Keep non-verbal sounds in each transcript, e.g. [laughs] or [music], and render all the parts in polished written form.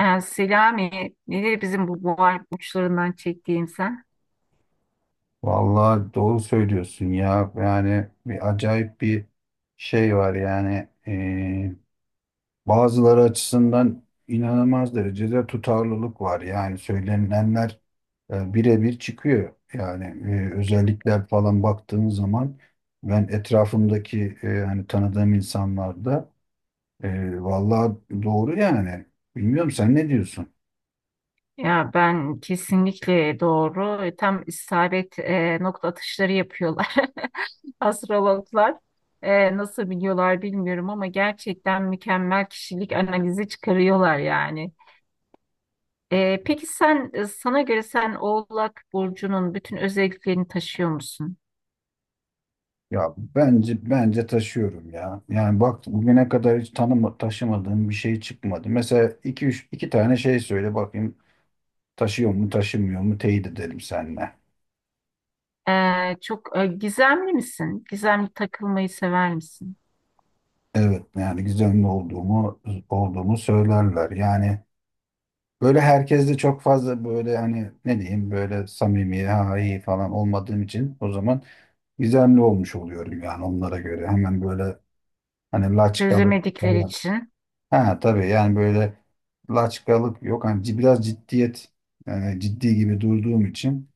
Yani Selami, nedir bizim bu boğal uçlarından çektiğin sen? Vallahi doğru söylüyorsun ya. Yani bir acayip bir şey var yani. Bazıları açısından inanılmaz derecede tutarlılık var. Yani söylenenler birebir çıkıyor. Yani özellikler falan baktığın zaman ben etrafımdaki hani tanıdığım insanlarda vallahi doğru yani. Bilmiyorum sen ne diyorsun? Ya ben kesinlikle doğru. Tam isabet nokta atışları yapıyorlar [laughs] astrologlar. Nasıl biliyorlar bilmiyorum ama gerçekten mükemmel kişilik analizi çıkarıyorlar yani. Peki sen sana göre sen Oğlak Burcu'nun bütün özelliklerini taşıyor musun? Ya bence taşıyorum ya. Yani bak bugüne kadar hiç taşımadığım bir şey çıkmadı. Mesela iki üç iki tane şey söyle bakayım taşıyor mu taşımıyor mu teyit edelim seninle. Çok gizemli misin? Gizemli takılmayı sever misin? Evet, yani gizemli olduğumu söylerler. Yani böyle herkes de çok fazla böyle hani ne diyeyim böyle samimi ha iyi falan olmadığım için o zaman gizemli olmuş oluyorum yani onlara göre. Hemen böyle hani laçkalık Çözemedikleri falan. için. Ha tabii yani böyle laçkalık yok. Hani biraz ciddiyet yani ciddi gibi durduğum için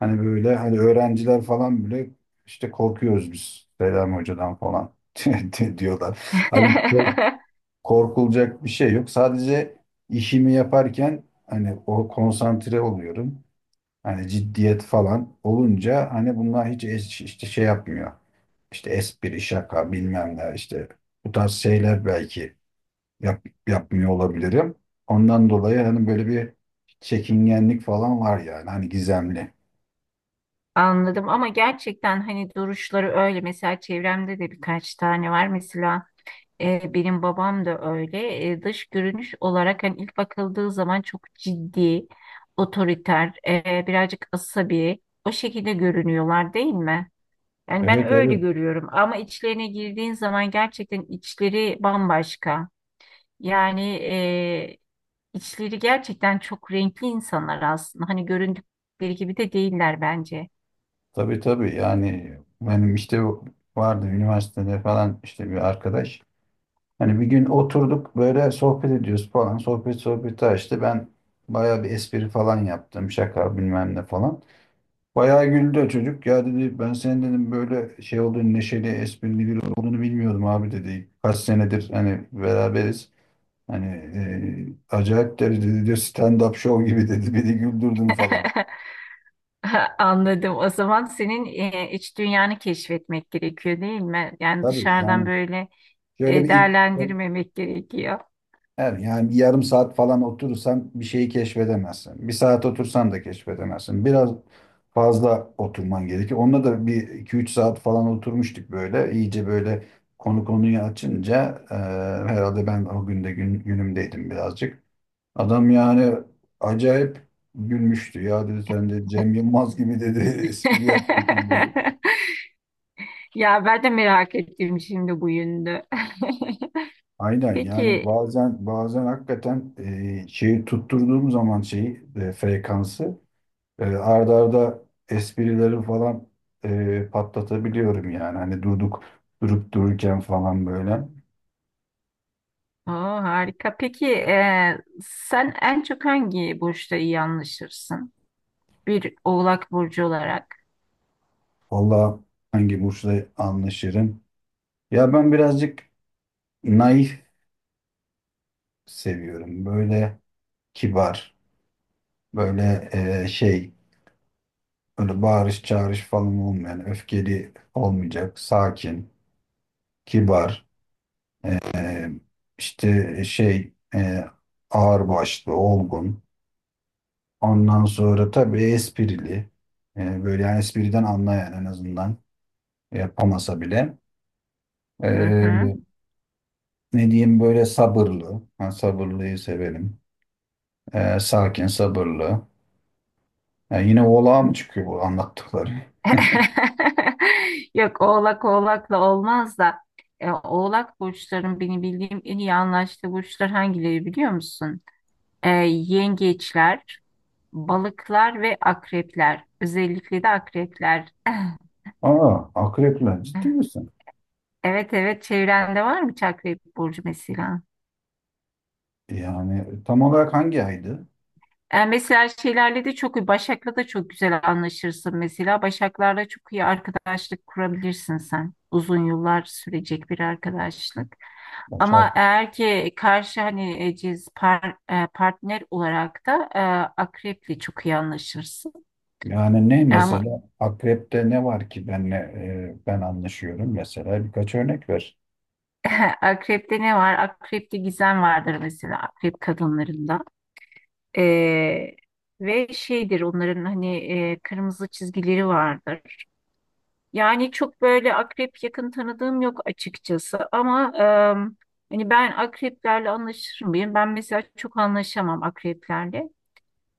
hani böyle hani öğrenciler falan bile işte korkuyoruz biz Selam Hoca'dan falan [laughs] diyorlar. Hani [laughs] korkulacak bir şey yok. Sadece işimi yaparken hani o konsantre oluyorum. Hani ciddiyet falan olunca hani bunlar hiç işte şey yapmıyor. İşte espri, şaka bilmem ne işte bu tarz şeyler belki yap, yapmıyor olabilirim. Ondan dolayı hani böyle bir çekingenlik falan var yani hani gizemli. Anladım ama gerçekten hani duruşları öyle, mesela çevremde de birkaç tane var, mesela benim babam da öyle. Dış görünüş olarak hani ilk bakıldığı zaman çok ciddi, otoriter, birazcık asabi, o şekilde görünüyorlar değil mi? Yani ben Evet, öyle evet. görüyorum ama içlerine girdiğin zaman gerçekten içleri bambaşka yani, içleri gerçekten çok renkli insanlar aslında, hani göründükleri gibi de değiller bence. Tabii, tabii, yani benim işte vardı üniversitede falan işte bir arkadaş. Hani bir gün oturduk böyle sohbet ediyoruz falan. Sohbet sohbeti açtı. Ben bayağı bir espri falan yaptım. Şaka bilmem ne falan. Bayağı güldü o çocuk. Ya dedi ben senin dedim böyle şey olduğunu neşeli esprili biri olduğunu bilmiyordum abi dedi. Kaç senedir hani beraberiz. Hani acayip derecede diyor stand-up show gibi dedi. Beni güldürdün falan. [laughs] [laughs] Anladım. O zaman senin iç dünyanı keşfetmek gerekiyor değil mi? Yani Tabii dışarıdan yani böyle şöyle bir ilk. değerlendirmemek gerekiyor. Evet, yani bir yarım saat falan oturursan bir şeyi keşfedemezsin. Bir saat otursan da keşfedemezsin. Biraz fazla oturman gerekiyor. Onunla da bir iki üç saat falan oturmuştuk böyle. İyice böyle konu konuyu açınca herhalde ben o günde günümdeydim birazcık. Adam yani acayip gülmüştü. Ya dedi sen de Cem Yılmaz gibi dedi [laughs] espri yapıyorsun dedi. [laughs] Ya ben de merak ettim şimdi bu yönünü. [laughs] Aynen yani Peki, bazen bazen hakikaten şeyi tutturduğum zaman şeyi frekansı arda arda esprileri falan patlatabiliyorum yani hani durduk durup dururken falan böyle. o harika. Peki sen en çok hangi burçta iyi anlaşırsın? Bir Oğlak burcu olarak. Valla hangi burçla anlaşırım? Ya ben birazcık naif seviyorum böyle kibar böyle şey böyle bağırış çağırış falan olmayan öfkeli olmayacak sakin kibar. E, işte şey ağırbaşlı, olgun. Ondan sonra tabii esprili. Böyle yani espriden anlayan en azından yapamasa bile. Hı hı. E, ne diyeyim böyle sabırlı. Ben sabırlıyı severim. Sakin, sabırlı. Yani yine oğlağa mı çıkıyor bu anlattıkları? [laughs] Yok, oğlak oğlakla olmaz da oğlak burçların benim bildiğim en iyi anlaştığı burçlar hangileri biliyor musun? E, Yengeçler, balıklar ve akrepler. Özellikle de akrepler. [laughs] [laughs] Aa, akrepler ciddi misin? Evet evet, çevrende var mı hiç akrep burcu mesela? Yani tam olarak hangi aydı? Yani mesela şeylerle de çok iyi. Başak'la da çok güzel anlaşırsın mesela. Başaklarla çok iyi arkadaşlık kurabilirsin sen. Uzun yıllar sürecek bir arkadaşlık. Ama Başak. eğer ki karşı hani partner olarak da akreple çok iyi anlaşırsın. Yani ne Ama mesela akrepte ne var ki benle ben anlaşıyorum mesela birkaç örnek ver. [laughs] akrepte ne var? Akrepte gizem vardır, mesela akrep kadınlarında. E, Ve şeydir onların hani kırmızı çizgileri vardır. Yani çok böyle akrep yakın tanıdığım yok açıkçası ama hani ben akreplerle anlaşır mıyım? Ben mesela çok anlaşamam akreplerle.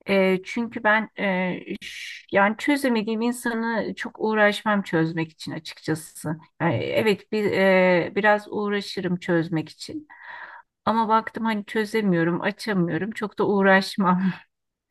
Çünkü ben yani çözemediğim insanı çok uğraşmam çözmek için açıkçası. Yani evet bir biraz uğraşırım çözmek için. Ama baktım hani çözemiyorum, açamıyorum. Çok da uğraşmam.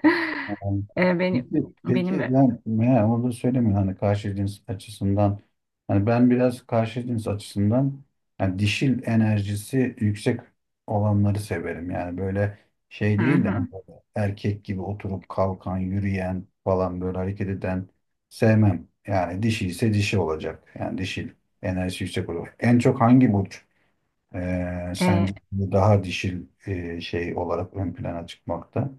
[laughs] Yani, E, benim peki, benim peki lan ne onu da söylemiyor hani karşı cins açısından hani ben biraz karşı cins açısından yani dişil enerjisi yüksek olanları severim yani böyle şey değil de hani hı böyle erkek gibi oturup kalkan yürüyen falan böyle hareket eden sevmem yani dişi ise dişi olacak yani dişil enerjisi yüksek olur. En çok hangi burç, hı. sence daha dişil şey olarak ön plana çıkmakta.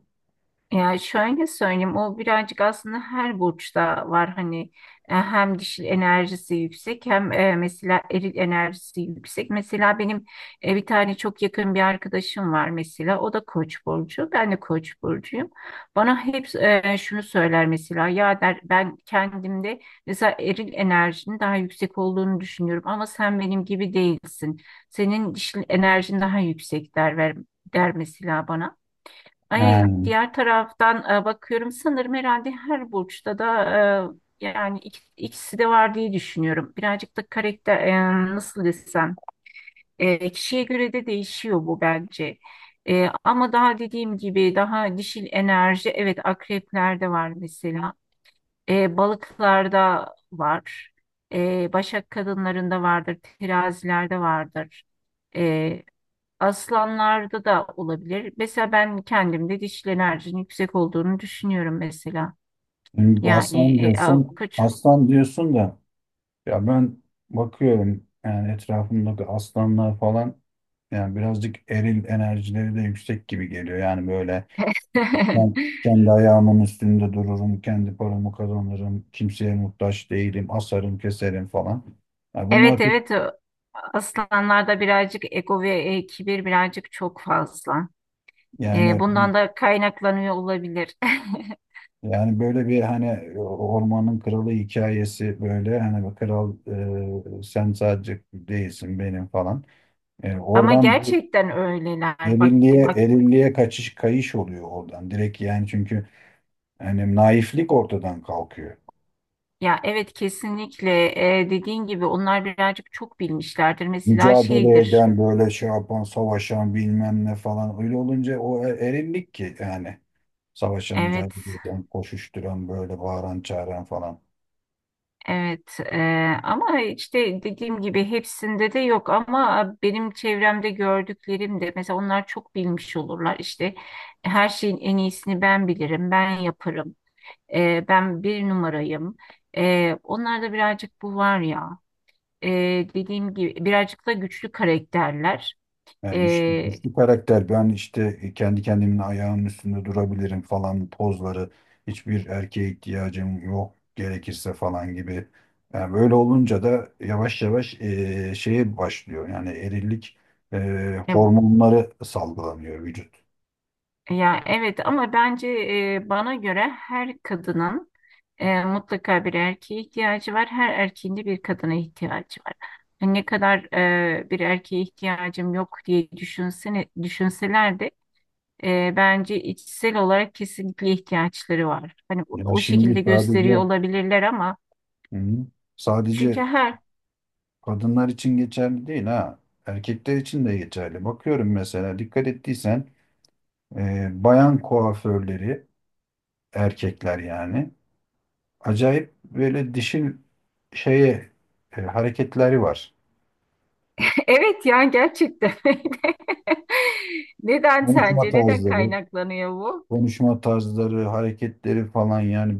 Yani şöyle söyleyeyim, o birazcık aslında her burçta var hani, hem dişil enerjisi yüksek hem mesela eril enerjisi yüksek. Mesela benim bir tane çok yakın bir arkadaşım var mesela, o da Koç burcu, ben de Koç burcuyum. Bana hep şunu söyler mesela, ya der, ben kendimde mesela eril enerjinin daha yüksek olduğunu düşünüyorum ama sen benim gibi değilsin. Senin dişil enerjin daha yüksek der, ver der mesela bana. Ay, Yani, diğer taraftan bakıyorum sanırım herhalde her burçta da yani ikisi de var diye düşünüyorum. Birazcık da karakter, nasıl desem, kişiye göre de değişiyor bu bence. Ama daha dediğim gibi daha dişil enerji, evet, akreplerde var mesela. Balıklarda var. Başak kadınlarında vardır. Terazilerde vardır. E, Aslanlarda da olabilir. Mesela ben kendimde dişil enerjinin yüksek olduğunu düşünüyorum mesela. şimdi bu Yani aslan diyorsun, aslan diyorsun da ya ben bakıyorum yani etrafımdaki aslanlar falan yani birazcık eril enerjileri de yüksek gibi geliyor. Yani böyle ben [laughs] kendi ayağımın üstünde dururum, kendi paramı kazanırım, kimseye muhtaç değilim, asarım, keserim falan. Yani Evet bunlar pek-, evet, aslanlarda birazcık ego ve kibir birazcık çok fazla. Yani. Bundan da kaynaklanıyor olabilir. [laughs] Yani böyle bir hani ormanın kralı hikayesi böyle hani bir kral sen sadece değilsin benim falan. Ama Oradan bu gerçekten öyleler. Bak erilliğe bak, erilliğe kaçış kayış oluyor oradan. Direkt yani çünkü hani naiflik ortadan kalkıyor. ya evet kesinlikle, dediğin gibi onlar birazcık çok bilmişlerdir. Mesela Mücadele şeydir. eden böyle şey yapan savaşan bilmem ne falan öyle olunca o erillik ki yani savaşan Evet. mücadele eden koşuşturan böyle bağıran çağıran falan. Evet ama işte dediğim gibi hepsinde de yok, ama benim çevremde gördüklerim de mesela onlar çok bilmiş olurlar işte, her şeyin en iyisini ben bilirim, ben yaparım, ben bir numarayım. Onlarda birazcık bu var ya. Dediğim gibi birazcık da güçlü karakterler. Yani güçlü, Eee, güçlü karakter. Ben işte kendi kendimin ayağının üstünde durabilirim falan pozları. Hiçbir erkeğe ihtiyacım yok gerekirse falan gibi. Yani böyle olunca da yavaş yavaş şeye başlıyor. Yani erillik hormonları salgılanıyor vücut. Ya evet, ama bence bana göre her kadının mutlaka bir erkeğe ihtiyacı var. Her erkeğin de bir kadına ihtiyacı var. Yani ne kadar bir erkeğe ihtiyacım yok diye düşünsene, düşünseler de bence içsel olarak kesinlikle ihtiyaçları var. Hani Ya o şimdi şekilde gösteriyor sadece, olabilirler ama hı hı, çünkü sadece her kadınlar için geçerli değil ha. Erkekler için de geçerli. Bakıyorum mesela dikkat ettiysen bayan kuaförleri erkekler yani. Acayip böyle dişil şeye hareketleri var. [laughs] evet yani gerçekten öyle. [laughs] Neden Konuşma sence, neden tarzları, kaynaklanıyor bu? konuşma tarzları, hareketleri falan yani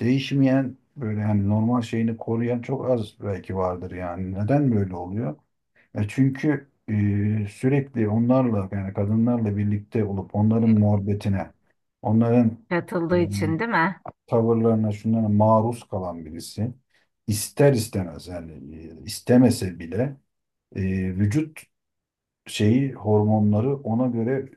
değişmeyen böyle hani normal şeyini koruyan çok az belki vardır yani. Neden böyle oluyor? Çünkü sürekli onlarla yani kadınlarla birlikte olup onların muhabbetine, onların e, Katıldığı için değil mi? tavırlarına, şunlara maruz kalan birisi ister istemez yani istemese bile e, vücut şeyi hormonları ona göre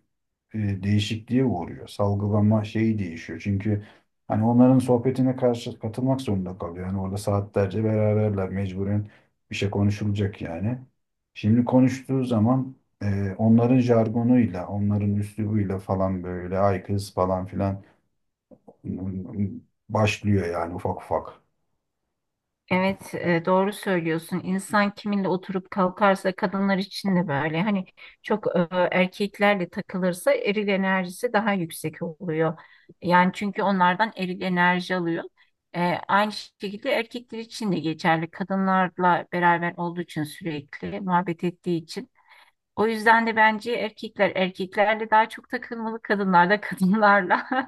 değişikliğe uğruyor. Salgılama şeyi değişiyor. Çünkü hani onların sohbetine karşı katılmak zorunda kalıyor. Yani orada saatlerce beraberler mecburen bir şey konuşulacak yani. Şimdi konuştuğu zaman onların jargonuyla, onların üslubuyla falan böyle ay kız falan filan başlıyor yani ufak ufak. Evet, doğru söylüyorsun. İnsan kiminle oturup kalkarsa, kadınlar için de böyle. Hani çok erkeklerle takılırsa eril enerjisi daha yüksek oluyor. Yani çünkü onlardan eril enerji alıyor. E, Aynı şekilde erkekler için de geçerli. Kadınlarla beraber olduğu için, sürekli muhabbet ettiği için. O yüzden de bence erkekler erkeklerle daha çok takılmalı, kadınlar da kadınlarla. [laughs]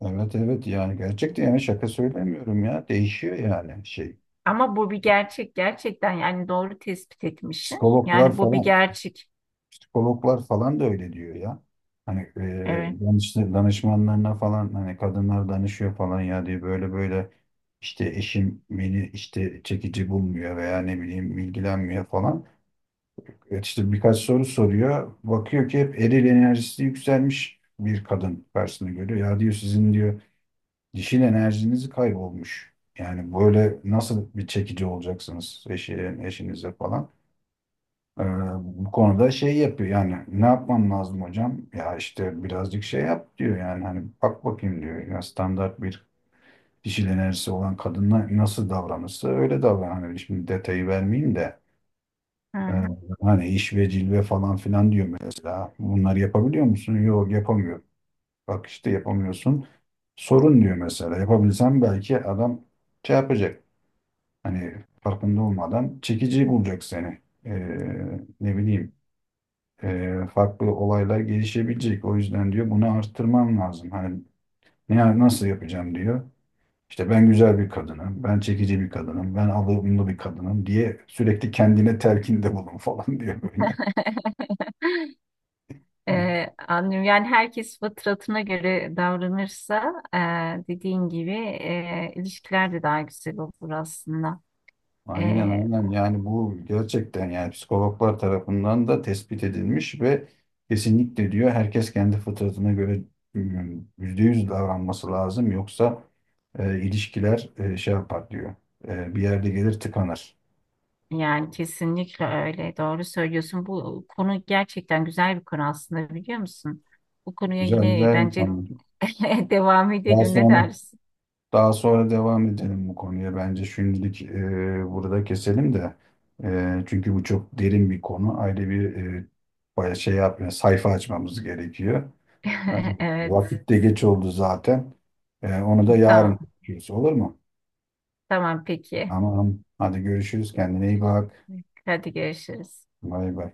Evet, evet, yani gerçekten yani şaka söylemiyorum ya. Değişiyor yani şey. Ama bu bir gerçek, gerçekten yani doğru tespit etmişsin. Psikologlar Yani bu bir falan gerçek. psikologlar falan da öyle diyor ya. Hani Evet. danışmanlarına falan hani kadınlar danışıyor falan ya diye böyle böyle. İşte eşim beni işte çekici bulmuyor veya ne bileyim ilgilenmiyor falan. Evet işte birkaç soru soruyor. Bakıyor ki hep eril enerjisi yükselmiş bir kadın karşısına görüyor. Ya diyor sizin diyor dişil enerjiniz kaybolmuş. Yani böyle nasıl bir çekici olacaksınız eşinize falan. Ee, bu konuda şey yapıyor yani ne yapmam lazım hocam? Ya işte birazcık şey yap diyor yani hani bak bakayım diyor. Ya standart bir dişil enerjisi olan kadınla nasıl davranırsa öyle davran. Hani şimdi detayı vermeyeyim de Hı e, hı. hani iş ve cilve falan filan diyor mesela. Bunları yapabiliyor musun? Yok, yapamıyorum. Bak işte yapamıyorsun. Sorun diyor mesela. Yapabilsem belki adam şey yapacak. Hani farkında olmadan çekici bulacak seni. Ne bileyim farklı olaylar gelişebilecek. O yüzden diyor bunu arttırmam lazım. Hani nasıl yapacağım diyor. İşte ben güzel bir kadınım, ben çekici bir kadınım, ben alımlı bir kadınım diye sürekli kendine telkinde bulun falan [laughs] diyor böyle. [laughs] Anlıyorum. Yani herkes fıtratına göre davranırsa dediğin gibi ilişkiler de daha güzel olur aslında. Aynen, E, aynen, yani bu gerçekten yani psikologlar tarafından da tespit edilmiş ve kesinlikle diyor herkes kendi fıtratına göre 100% davranması lazım yoksa ilişkiler şey yapar diyor. Bir yerde gelir tıkanır. Yani kesinlikle öyle. Doğru söylüyorsun. Bu konu gerçekten güzel bir konu aslında, biliyor musun? Bu konuya Güzel, yine güzel. Kesinlikle. bence Yıkanır. [laughs] devam Daha edelim. Ne sonra dersin? Daha sonra devam edelim bu konuya. Bence şimdilik burada keselim de. Çünkü bu çok derin bir konu. Ayrı bir bayağı şey yapmıyor. Sayfa açmamız gerekiyor. E, [laughs] Evet. vakit de, Evet, geç oldu zaten. Onu da, Tamam, yarın Tamam. konuşuruz olur mu? Tamam peki. Tamam. Hadi görüşürüz. Kendine iyi bak. Hadi görüşürüz. Bay bay.